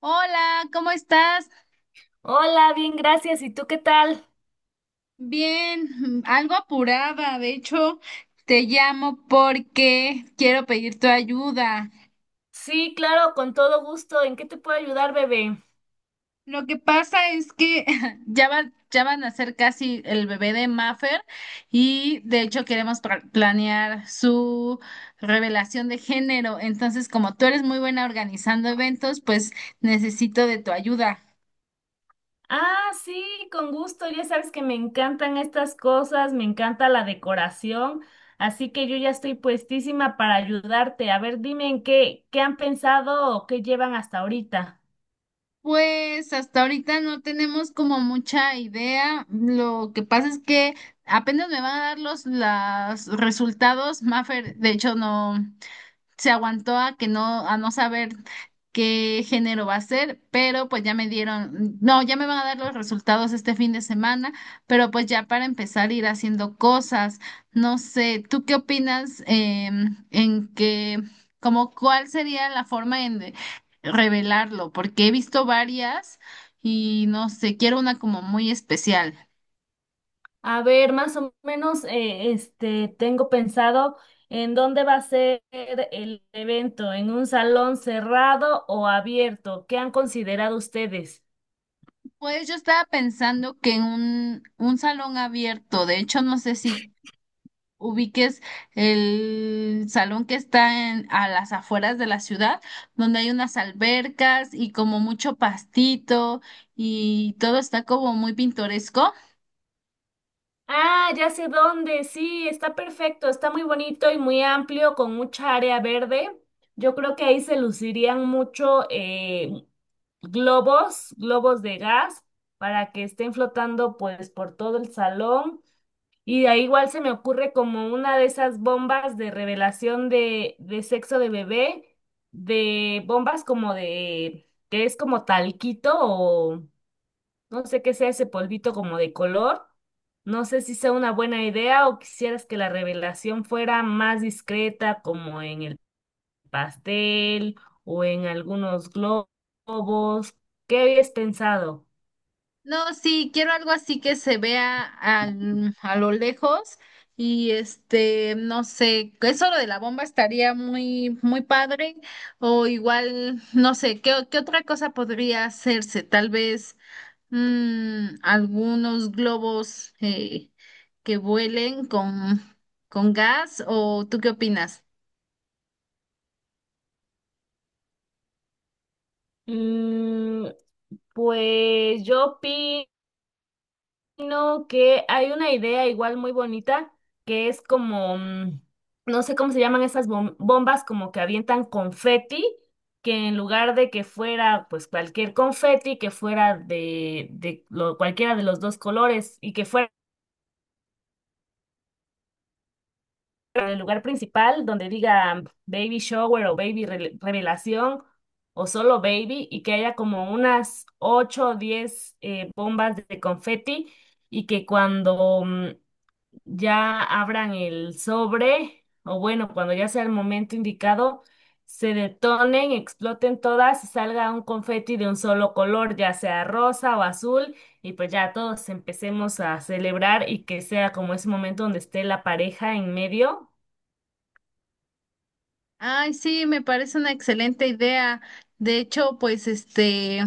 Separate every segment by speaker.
Speaker 1: Hola, ¿cómo estás?
Speaker 2: Hola, bien, gracias. ¿Y tú qué tal?
Speaker 1: Bien, algo apurada. De hecho, te llamo porque quiero pedir tu ayuda.
Speaker 2: Sí, claro, con todo gusto. ¿En qué te puedo ayudar, bebé?
Speaker 1: Lo que pasa es que ya van a ser casi el bebé de Maffer y de hecho queremos planear su revelación de género. Entonces, como tú eres muy buena organizando eventos, pues necesito de tu ayuda.
Speaker 2: Ah, sí, con gusto. Ya sabes que me encantan estas cosas, me encanta la decoración, así que yo ya estoy puestísima para ayudarte. A ver, dime en qué, qué han pensado o qué llevan hasta ahorita.
Speaker 1: Pues hasta ahorita no tenemos como mucha idea. Lo que pasa es que apenas me van a dar los las resultados. Mafer, de hecho, no se aguantó a no saber qué género va a ser, pero pues ya me dieron, no, ya me van a dar los resultados este fin de semana, pero pues ya para empezar a ir haciendo cosas, no sé, ¿tú qué opinas como cuál sería la forma en de revelarlo? Porque he visto varias y no sé, quiero una como muy especial.
Speaker 2: A ver, más o menos, este, tengo pensado en dónde va a ser el evento, en un salón cerrado o abierto. ¿Qué han considerado ustedes?
Speaker 1: Pues yo estaba pensando que en un salón abierto, de hecho no sé si ubiques el salón que está en, a las afueras de la ciudad, donde hay unas albercas y como mucho pastito y todo está como muy pintoresco.
Speaker 2: Ah, ya sé dónde, sí, está perfecto, está muy bonito y muy amplio, con mucha área verde. Yo creo que ahí se lucirían mucho globos, globos de gas, para que estén flotando pues por todo el salón. Y ahí igual se me ocurre como una de esas bombas de revelación de sexo de bebé, de bombas como de, que es como talquito o... No sé qué sea ese polvito como de color. No sé si sea una buena idea o quisieras que la revelación fuera más discreta, como en el pastel o en algunos globos. ¿Qué habías pensado?
Speaker 1: No, sí, quiero algo así que se vea a lo lejos y este, no sé, eso lo de la bomba estaría muy, muy padre o igual, no sé, ¿Qué otra cosa podría hacerse? Tal vez. Algunos globos que vuelen con gas, ¿o tú qué opinas?
Speaker 2: Mm, pues yo sino que hay una idea igual muy bonita que es como, no sé cómo se llaman esas bombas, como que avientan confeti, que en lugar de que fuera pues cualquier confeti, que fuera de cualquiera de los dos colores y que fuera el lugar principal donde diga baby shower o baby revelación o solo baby y que haya como unas 8 o 10 bombas de confeti y que cuando ya abran el sobre, o bueno, cuando ya sea el momento indicado, se detonen, exploten todas y salga un confeti de un solo color, ya sea rosa o azul, y pues ya todos empecemos a celebrar y que sea como ese momento donde esté la pareja en medio.
Speaker 1: Ay, sí, me parece una excelente idea. De hecho, pues este,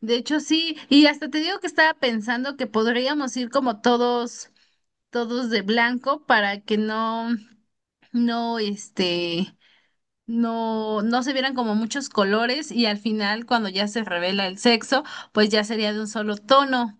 Speaker 1: de hecho sí, y hasta te digo que estaba pensando que podríamos ir como todos, todos de blanco para que no, no, este, no, no se vieran como muchos colores y al final cuando ya se revela el sexo, pues ya sería de un solo tono.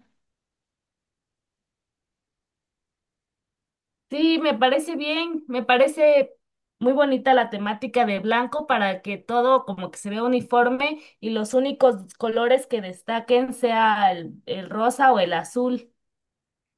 Speaker 2: Sí, me parece bien, me parece muy bonita la temática de blanco para que todo como que se vea uniforme y los únicos colores que destaquen sea el rosa o el azul.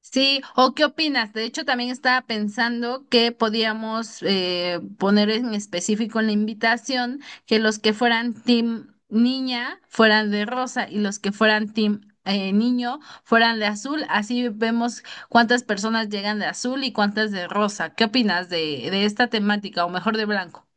Speaker 1: Sí, ¿o qué opinas? De hecho, también estaba pensando que podíamos poner en específico en la invitación que los que fueran team niña fueran de rosa y los que fueran team niño fueran de azul. Así vemos cuántas personas llegan de azul y cuántas de rosa. ¿Qué opinas de esta temática o mejor de blanco?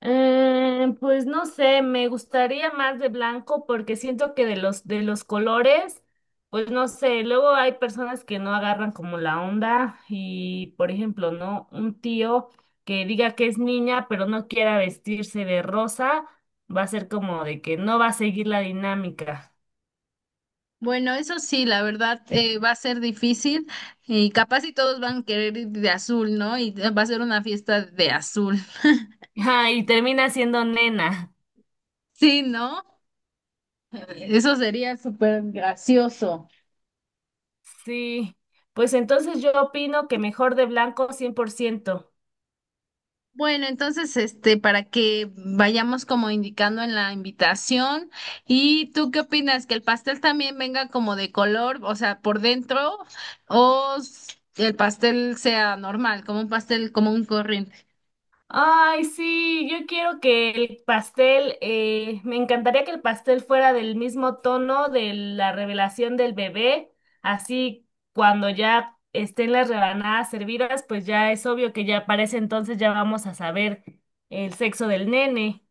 Speaker 2: Pues no sé, me gustaría más de blanco porque siento que de los colores, pues no sé, luego hay personas que no agarran como la onda y por ejemplo, ¿no? Un tío que diga que es niña pero no quiera vestirse de rosa, va a ser como de que no va a seguir la dinámica.
Speaker 1: Bueno, eso sí, la verdad va a ser difícil y capaz si todos van a querer ir de azul, ¿no? Y va a ser una fiesta de azul.
Speaker 2: Ah, y termina siendo nena.
Speaker 1: Sí, ¿no? Eso sería súper gracioso.
Speaker 2: Sí, pues entonces yo opino que mejor de blanco cien por ciento.
Speaker 1: Bueno, entonces, este, para que vayamos como indicando en la invitación. ¿Y tú qué opinas? ¿Que el pastel también venga como de color, o sea, por dentro, o el pastel sea normal, como un pastel, como un corriente?
Speaker 2: Ay, sí, yo quiero que el pastel, me encantaría que el pastel fuera del mismo tono de la revelación del bebé, así cuando ya estén las rebanadas servidas, pues ya es obvio que ya para ese entonces ya vamos a saber el sexo del nene.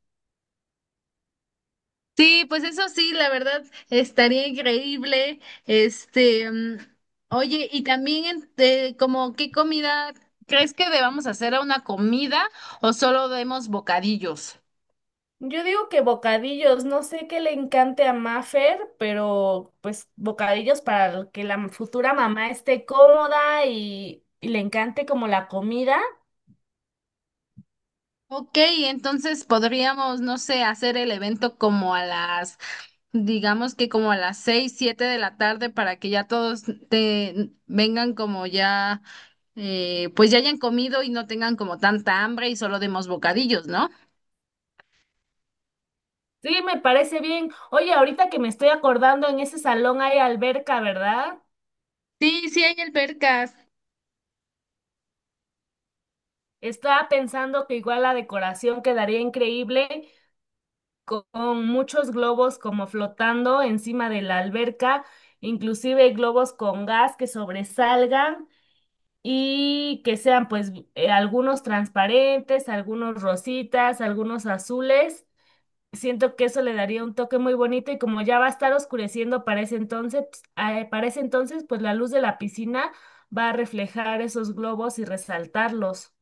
Speaker 1: Sí, pues eso sí, la verdad, estaría increíble. Este, oye, y también, este, como, ¿qué, comida crees que debamos hacer a una comida o solo demos bocadillos?
Speaker 2: Yo digo que bocadillos, no sé qué le encante a Mafer, pero pues bocadillos para que la futura mamá esté cómoda y le encante como la comida.
Speaker 1: Ok, entonces podríamos, no sé, hacer el evento como digamos que como a las 6, 7 de la tarde para que ya todos te vengan como ya, pues ya hayan comido y no tengan como tanta hambre y solo demos bocadillos, ¿no?
Speaker 2: Sí, me parece bien. Oye, ahorita que me estoy acordando, en ese salón hay alberca, ¿verdad?
Speaker 1: Sí, sí hay albercas.
Speaker 2: Estaba pensando que igual la decoración quedaría increíble con muchos globos como flotando encima de la alberca, inclusive globos con gas que sobresalgan y que sean pues algunos transparentes, algunos rositas, algunos azules. Siento que eso le daría un toque muy bonito y como ya va a estar oscureciendo para ese entonces, pues, ah, para ese entonces, pues la luz de la piscina va a reflejar esos globos y resaltarlos.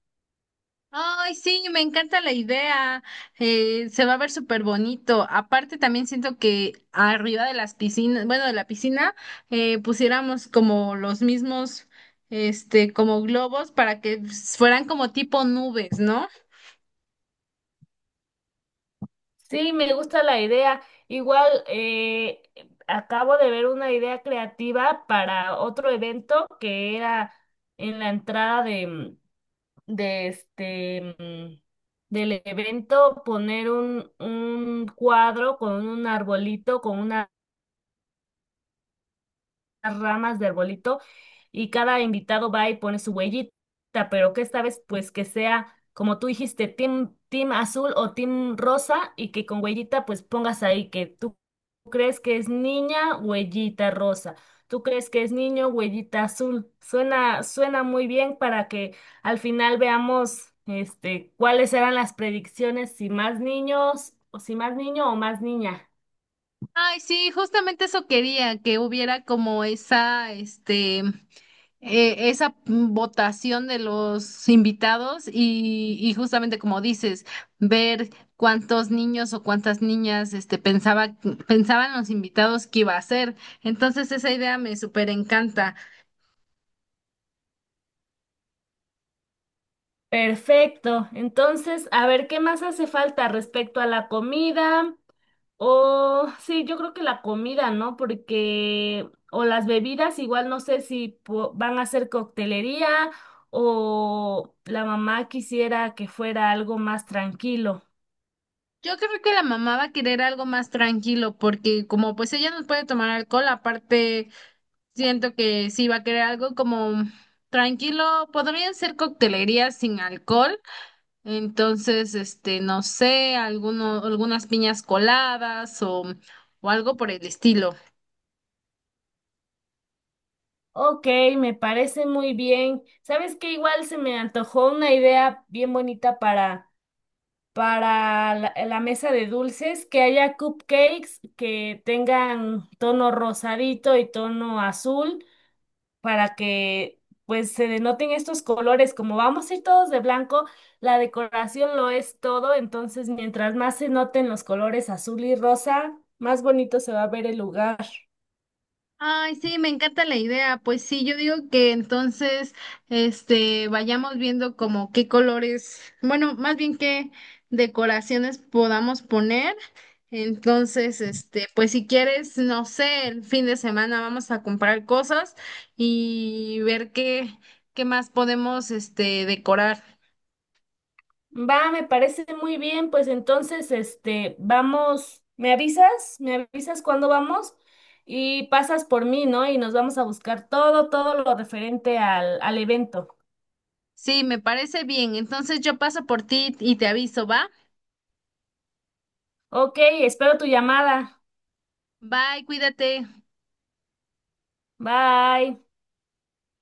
Speaker 1: Ay, sí, me encanta la idea. Se va a ver súper bonito. Aparte, también siento que arriba de las piscinas, bueno, de la piscina, pusiéramos como los mismos, este, como globos para que fueran como tipo nubes, ¿no?
Speaker 2: Sí, me gusta la idea. Igual acabo de ver una idea creativa para otro evento que era en la entrada de este del evento poner un cuadro con un arbolito, con una las ramas de arbolito y cada invitado va y pone su huellita, pero que esta vez pues que sea, como tú dijiste, team azul o team rosa y que con huellita pues pongas ahí que tú crees que es niña, huellita rosa. Tú crees que es niño, huellita azul. Suena muy bien para que al final veamos este cuáles eran las predicciones, si más niños o si más niño o más niña.
Speaker 1: Ay, sí, justamente eso quería, que hubiera como este, esa votación de los invitados y justamente como dices, ver cuántos niños o cuántas niñas, este, pensaban los invitados que iba a ser. Entonces esa idea me súper encanta.
Speaker 2: Perfecto. Entonces, a ver, ¿qué más hace falta respecto a la comida? O sí, yo creo que la comida, ¿no? Porque, o las bebidas, igual no sé si van a hacer coctelería o la mamá quisiera que fuera algo más tranquilo.
Speaker 1: Yo creo que la mamá va a querer algo más tranquilo porque como pues ella no puede tomar alcohol, aparte. Siento que sí va a querer algo como tranquilo, podrían ser coctelerías sin alcohol, entonces, este, no sé, algunas piñas coladas o algo por el estilo.
Speaker 2: Ok, me parece muy bien. ¿Sabes qué? Igual se me antojó una idea bien bonita para la mesa de dulces, que haya cupcakes que tengan tono rosadito y tono azul para que pues se denoten estos colores. Como vamos a ir todos de blanco, la decoración lo es todo, entonces mientras más se noten los colores azul y rosa, más bonito se va a ver el lugar.
Speaker 1: Ay, sí, me encanta la idea. Pues sí, yo digo que entonces, este, vayamos viendo como qué colores, bueno, más bien qué, decoraciones podamos poner. Entonces, este, pues si quieres, no sé, el fin de semana vamos a comprar cosas y ver qué más podemos, este, decorar.
Speaker 2: Va, me parece muy bien, pues entonces, este, vamos, me avisas cuándo vamos y pasas por mí, ¿no? Y nos vamos a buscar todo, todo lo referente al evento.
Speaker 1: Sí, me parece bien. Entonces yo paso por ti y te aviso, ¿va?
Speaker 2: Ok, espero tu llamada.
Speaker 1: Bye, cuídate.
Speaker 2: Bye.